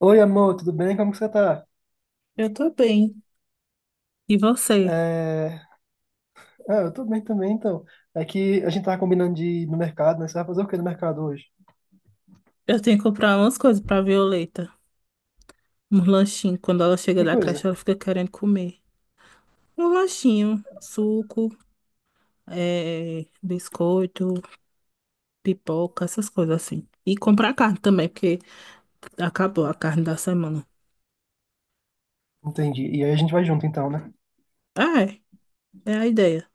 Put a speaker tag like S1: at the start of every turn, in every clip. S1: Oi, amor, tudo bem? Como que você tá?
S2: Eu tô bem. E você?
S1: É... Ah, eu tô bem também, então. É que a gente tava combinando de ir no mercado, né? Você vai fazer o quê no mercado hoje?
S2: Eu tenho que comprar umas coisas pra Violeta. Um lanchinho. Quando ela chega
S1: Que
S2: da
S1: coisa?
S2: creche, ela fica querendo comer. Um lanchinho, suco, biscoito, pipoca, essas coisas assim. E comprar carne também, porque acabou a carne da semana.
S1: Entendi. E aí a gente vai junto, então, né?
S2: Ah, é. É a ideia.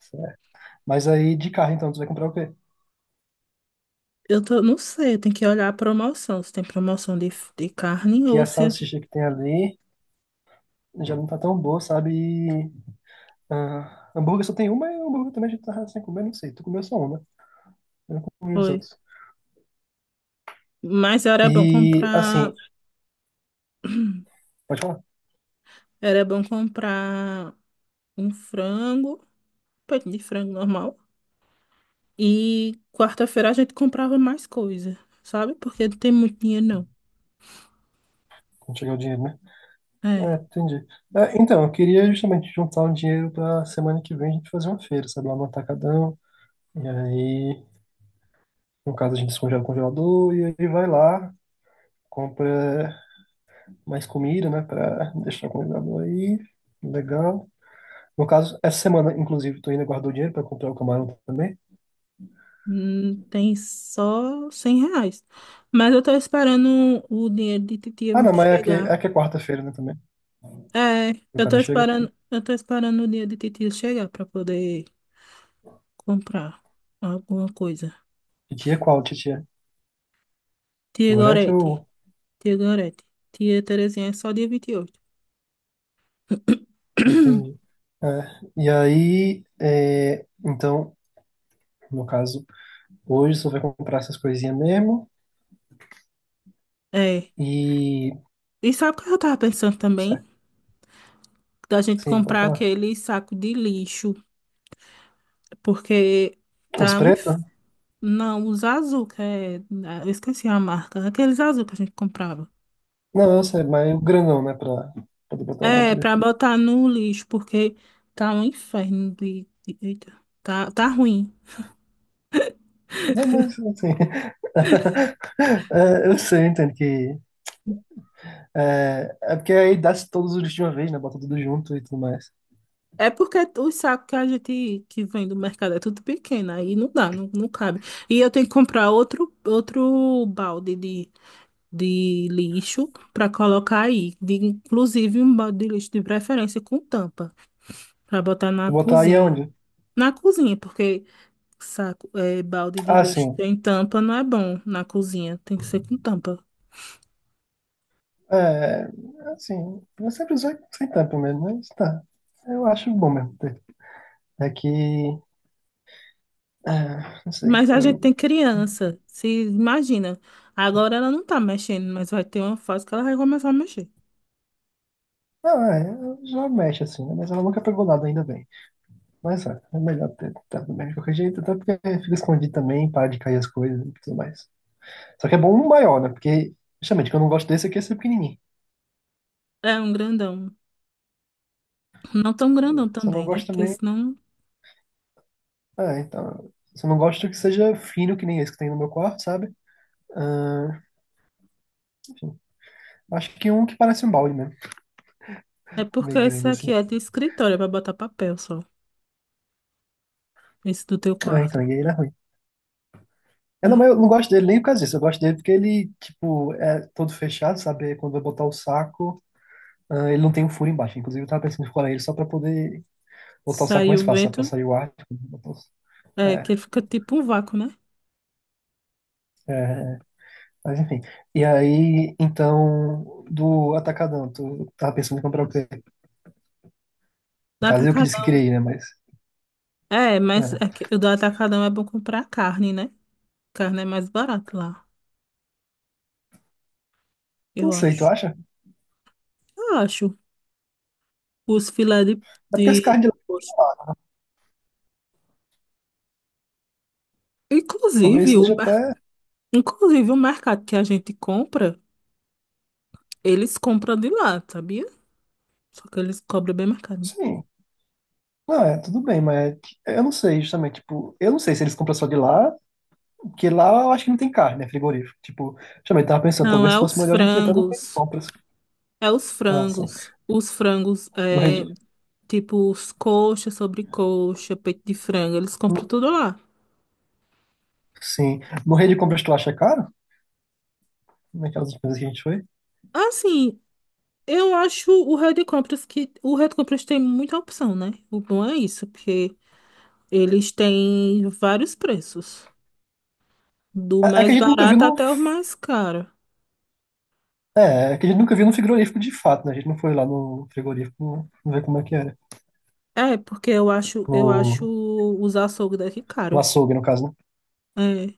S1: Certo. Mas aí, de carro, então, tu vai comprar o quê?
S2: Eu tô, não sei, eu tenho que olhar a promoção. Se tem promoção de carne
S1: Que é
S2: ou
S1: a
S2: se a gente
S1: salsicha que tem ali já não tá tão boa, sabe? E hambúrguer só tem uma e hambúrguer também a gente tá sem comer, não sei. Tu comeu só uma, né? Eu não comi os
S2: foi.
S1: outros.
S2: Mas era bom
S1: E, assim,
S2: comprar.
S1: pode falar?
S2: Era bom comprar um frango, peito de frango normal. E quarta-feira a gente comprava mais coisa, sabe? Porque não tem muito dinheiro, não.
S1: Quando chegar o dinheiro, né?
S2: É,
S1: É, entendi. É, então, eu queria justamente juntar um dinheiro para semana que vem a gente fazer uma feira, sabe, lá no Atacadão. E aí, no caso, a gente descongela o congelador e aí vai lá, compra mais comida, né, para deixar o congelador aí. Legal. No caso, essa semana, inclusive, tu ainda guardou dinheiro para comprar o camarão também?
S2: tem só R$ 100. Mas eu tô esperando o dinheiro de titia
S1: Ah, não, mas é que
S2: chegar.
S1: é, que é quarta-feira, né, também.
S2: É,
S1: O
S2: eu tô
S1: cara chega.
S2: esperando, o dinheiro de titia chegar pra poder comprar alguma coisa.
S1: Titia qual, titia?
S2: Tia
S1: Gorete
S2: Gorete,
S1: ou.
S2: tia Gorete, tia Terezinha é só dia 28.
S1: Entendi. É, e aí, é, então, no caso. Hoje só vai comprar essas coisinhas mesmo.
S2: É.
S1: E.
S2: E sabe o que eu tava pensando
S1: É,
S2: também? Da gente
S1: sim, pode
S2: comprar
S1: falar.
S2: aquele saco de lixo. Porque
S1: Os
S2: tá um...
S1: pretos?
S2: Não, os azul, que é... eu esqueci a marca. Aqueles azul que a gente comprava.
S1: Não, eu sei, mas o grandão, né? Pra poder botar um monte
S2: É,
S1: de.
S2: pra botar no lixo, porque tá um inferno de... Eita, tá ruim.
S1: Não, mas assim. É, eu sei, entendo que. É, é porque aí dá todos os lixos de uma vez, né? Bota tudo junto e tudo mais.
S2: É porque os sacos que a gente que vem do mercado é tudo pequeno, aí não dá, não cabe. E eu tenho que comprar outro balde de lixo para colocar aí. Inclusive um balde de lixo, de preferência com tampa, para botar na
S1: Vou botar aí
S2: cozinha.
S1: onde?
S2: Na cozinha, porque saco, é, balde de
S1: Ah,
S2: lixo.
S1: sim.
S2: Tem tampa, não é bom na cozinha. Tem que ser com tampa.
S1: É, assim, eu sempre usei sem tampa mesmo, mas tá. Eu acho bom mesmo ter. É que. Não sei.
S2: Mas a gente tem
S1: Eu
S2: criança. Se imagina. Agora ela não tá mexendo, mas vai ter uma fase que ela vai começar a mexer.
S1: não, é, já mexe assim, né? Mas ela nunca pegou nada, ainda bem. Mas é, é melhor ter tentado mesmo de qualquer jeito, até porque fica escondido também, para de cair as coisas e tudo mais. Só que é bom um maior, né? Porque, justamente, o que eu não gosto desse aqui é ser pequenininho.
S2: É um grandão. Não tão grandão
S1: Só não
S2: também, né?
S1: gosto
S2: Porque
S1: também.
S2: senão.
S1: Ah, então. Só não gosto que seja fino, que nem esse que tem no meu quarto, sabe? Ah, enfim. Acho que um que parece um balde mesmo,
S2: É porque
S1: meio
S2: esse
S1: grande
S2: aqui
S1: assim.
S2: é de escritório, é pra botar papel só. Esse do teu
S1: Ah, então,
S2: quarto.
S1: e aí ele é ruim. Eu não, mas eu
S2: É.
S1: não gosto dele nem por causa disso, eu gosto dele porque ele, tipo, é todo fechado, sabe? É quando vai botar o saco. Ah, ele não tem um furo embaixo. Inclusive, eu tava pensando em furar ele só pra poder botar o saco mais
S2: Saiu o
S1: fácil, sabe? Pra
S2: vento,
S1: sair o ar. Tipo, botar os-
S2: é
S1: É,
S2: que fica tipo um vácuo, né?
S1: é, mas enfim. E aí, então, do Atacadão, tu tava pensando em comprar o quê?
S2: Do
S1: No caso, eu que disse que queria
S2: Atacadão.
S1: ir, né? Mas,
S2: É, mas é
S1: é.
S2: que o do Atacadão é bom comprar carne, né? Carne é mais barato lá,
S1: Não
S2: eu
S1: sei, tu
S2: acho.
S1: acha?
S2: Acho. Os filé
S1: É
S2: de...
S1: porque esse carro de lá,
S2: poxa.
S1: talvez
S2: Inclusive,
S1: seja até,
S2: inclusive, o mercado que a gente compra, eles compram de lá, sabia? Só que eles cobram bem mais caro, né?
S1: sim. Não, é, tudo bem, mas eu não sei, justamente, tipo, eu não sei se eles compram só de lá, porque lá eu acho que não tem carne, né, frigorífico. Tipo, justamente, tava pensando,
S2: Não,
S1: talvez
S2: é
S1: fosse
S2: os
S1: melhor a gente ir até no Rede
S2: frangos.
S1: Compras.
S2: É os
S1: Ah, sim.
S2: frangos. Os frangos,
S1: No
S2: é,
S1: Rede...
S2: tipo, os coxa, sobrecoxa, peito de frango, eles compram tudo lá.
S1: Sim. Morrer de compras tu acha caro? Naquelas coisas que a gente foi?
S2: Assim, eu acho o Red Compras que... o Red Compras tem muita opção, né? O bom é isso, porque eles têm vários preços. Do
S1: É é que a
S2: mais
S1: gente nunca viu
S2: barato
S1: no.
S2: até o mais caro.
S1: É, é que a gente nunca viu no frigorífico de fato, né? A gente não foi lá no frigorífico ver como é que era.
S2: É, porque eu acho
S1: No,
S2: os açougues daqui
S1: no
S2: caro.
S1: açougue, no caso, né?
S2: É,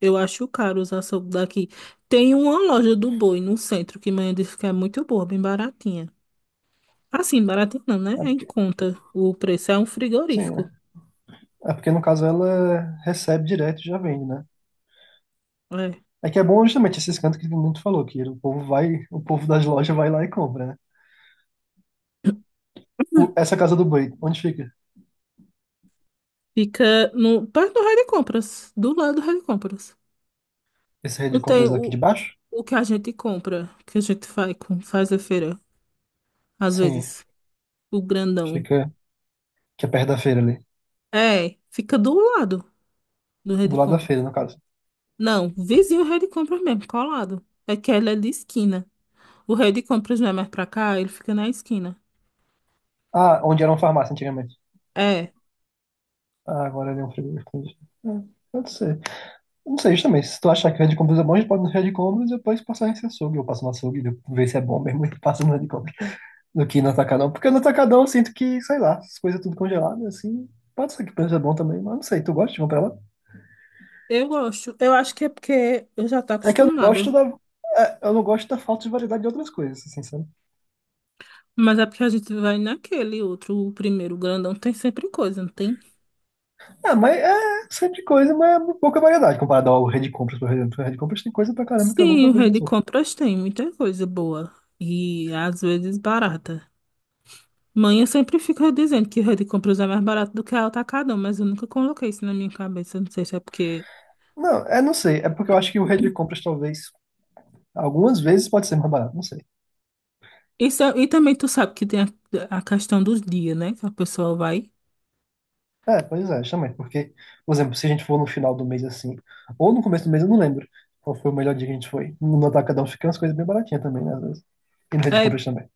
S2: eu acho caro os açougues daqui. Tem uma loja do boi no centro que mãe disse que é muito boa, bem baratinha. Assim, baratinha não, né?
S1: É
S2: É em
S1: porque,
S2: conta. O preço é um
S1: sim,
S2: frigorífico.
S1: é É porque no caso ela recebe direto e já vende, né?
S2: É.
S1: É que é bom justamente esses cantos que o tu falou, que o povo vai, o povo das lojas vai lá e compra, né? O- essa casa do boi, onde fica?
S2: Fica no, perto do Rei de Compras, do lado do Rei de Compras.
S1: Essa rede
S2: Não
S1: de
S2: tem
S1: compras daqui de baixo?
S2: o que a gente compra, que a gente faz a feira, às
S1: Sim,
S2: vezes, o grandão.
S1: fica que é perto da feira ali.
S2: É, fica do lado. Do
S1: Do
S2: Rede
S1: lado da
S2: Compras.
S1: feira, no caso.
S2: Não, vizinho do Rede Compras mesmo, colado. É que ele é de esquina. O Rede Compras não é mais pra cá, ele fica na esquina.
S1: Ah, onde era uma farmácia antigamente.
S2: É,
S1: Ah, agora ele é um frigor, entendi. É, pode ser. Não sei, justamente. Se tu achar que o Red Combos é bom, a gente pode ir no Red Combos e depois passar nesse açougue. Eu passo no açougue, ver se é bom mesmo e passo no Red Combos. Do que no Atacadão. Porque no Atacadão eu sinto que, sei lá, as coisas tudo congeladas, assim. Pode ser que o preço é bom também, mas não sei. Tu gosta de comprar lá?
S2: eu gosto. Eu acho que é porque eu já tô
S1: É que eu não gosto
S2: acostumada.
S1: da. É, eu não gosto da falta de variedade de outras coisas, assim, sabe?
S2: Mas é porque a gente vai naquele outro, o primeiro grandão, tem sempre coisa, não tem?
S1: Ah, mas é sempre coisa, mas é pouca variedade comparado ao Red Compras, por exemplo. O Red Compras tem coisa pra caramba que eu
S2: Sim,
S1: nunca
S2: o
S1: vejo
S2: Rede
S1: nos outros.
S2: Compras tem muita coisa boa. E às vezes barata. Mãe sempre fica dizendo que o Rede Compras é mais barato do que a Atacadão, mas eu nunca coloquei isso na minha cabeça. Não sei se é porque
S1: Não, é, não sei. É porque eu acho que o Red Compras talvez algumas vezes pode ser mais barato, não sei.
S2: isso, e também tu sabe que tem a questão dos dias, né? Que a pessoa vai.
S1: É, pois é, também. Porque, por exemplo, se a gente for no final do mês assim, ou no começo do mês, eu não lembro qual foi o melhor dia que a gente foi. No Atacadão fica umas coisas bem baratinhas também, né, às vezes. E na de
S2: É,
S1: compras também.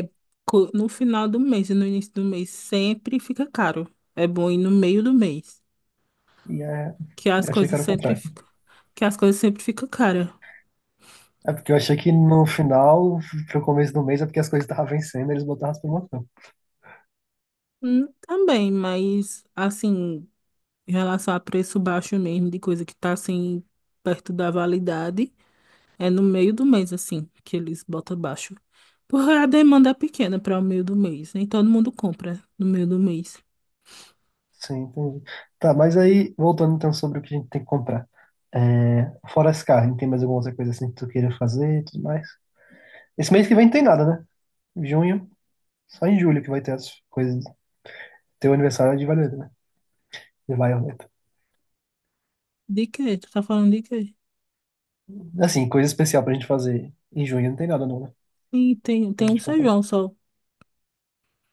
S2: é, no final do mês e no início do mês sempre fica caro. É bom ir no meio do mês,
S1: E é.
S2: que as
S1: Eu achei que
S2: coisas
S1: era o contrário.
S2: que as coisas sempre ficam caras.
S1: É porque eu achei que no final, pro começo do mês, é porque as coisas estavam vencendo, eles botavam as promoções.
S2: Também, mas assim, em relação a preço baixo mesmo, de coisa que tá assim, perto da validade, é no meio do mês, assim, que eles botam baixo. Porque a demanda é pequena para o meio do mês, nem todo mundo compra no meio do mês.
S1: Sim, entendi. Tá, mas aí, voltando então sobre o que a gente tem que comprar. É, fora esse carro tem mais alguma outra coisa assim que tu queira fazer e tudo mais? Esse mês que vem não tem nada, né? Junho. Só em julho que vai ter as coisas. Ter o aniversário é de Violeta, né? De Violeta.
S2: De quê? Tu tá falando de quê?
S1: Assim, coisa especial pra gente fazer. Em junho não tem nada, não, né?
S2: E tem,
S1: Pra
S2: tem um
S1: gente comprar.
S2: feijão só.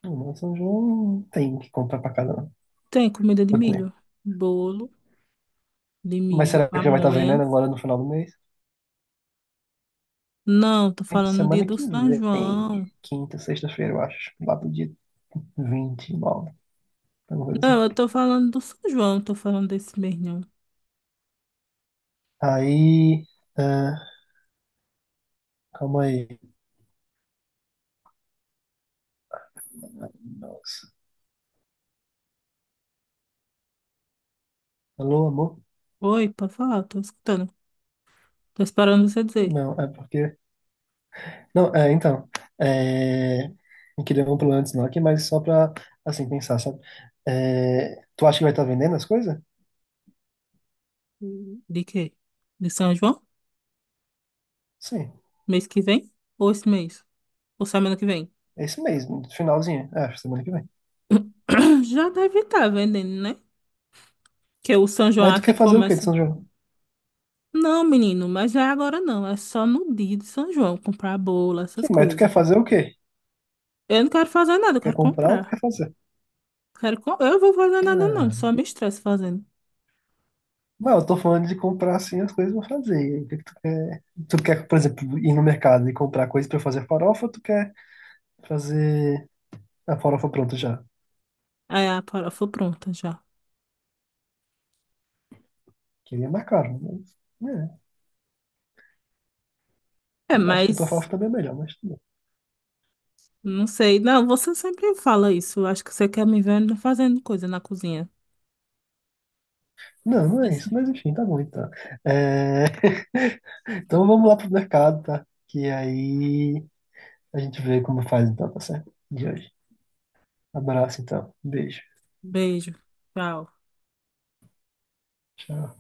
S1: Não, não, São João não tem que comprar pra casa, não.
S2: Tem comida de
S1: Putz, né?
S2: milho. Bolo de
S1: Mas
S2: milho,
S1: será que já vai estar
S2: pamonha.
S1: vendendo agora no final do mês?
S2: Não, tô falando do dia
S1: Semana
S2: do
S1: que
S2: São
S1: vem.
S2: João.
S1: Quinta, sexta-feira, eu acho. Lá pro dia 29. Alguma coisa assim.
S2: Não, eu tô falando do São João, tô falando desse mês, não.
S1: Aí. ah, Calma aí. Nossa. Alô, amor?
S2: Oi, pode falar, tô escutando. Tô esperando você dizer.
S1: Não, é porque. Não, é, então, é, eu queria um plano antes não aqui, mas só pra, assim, pensar, sabe? É, tu acha que vai estar vendendo as coisas?
S2: Hum. De quê? De São João?
S1: Sim,
S2: Mês que vem? Ou esse mês? Ou semana que vem?
S1: é esse mês, no finalzinho, é, acho, semana que vem.
S2: Já deve estar vendendo, né? Que o São João
S1: Mas tu
S2: aqui
S1: quer fazer o quê de
S2: começa.
S1: São João?
S2: Não, menino, mas é agora não. É só no dia de São João comprar bolo,
S1: Sim,
S2: essas
S1: mas tu
S2: coisas.
S1: quer fazer o quê?
S2: Eu não quero fazer nada,
S1: Tu
S2: eu
S1: quer
S2: quero
S1: comprar ou tu
S2: comprar.
S1: quer fazer?
S2: Eu vou fazer nada, não.
S1: Ah,
S2: Só me estresse fazendo.
S1: não, eu tô falando de comprar, assim, as coisas pra fazer. E aí, o que que tu quer? Tu quer, por exemplo, ir no mercado e comprar coisas pra fazer farofa ou tu quer fazer a farofa pronta já?
S2: Aí a farofa pronta já.
S1: Que aí é mais caro, mas, né? É,
S2: É,
S1: eu acho que a tua
S2: mas
S1: farofa também é melhor, mas tudo bem.
S2: não sei. Não, você sempre fala isso. Eu acho que você quer me ver fazendo coisa na cozinha.
S1: Não, não é isso, mas enfim, tá bom então. É, então vamos lá pro mercado, tá? Que aí a gente vê como faz então, tá certo? De hoje. Abraço então. Beijo.
S2: Beijo. Tchau.
S1: Tchau.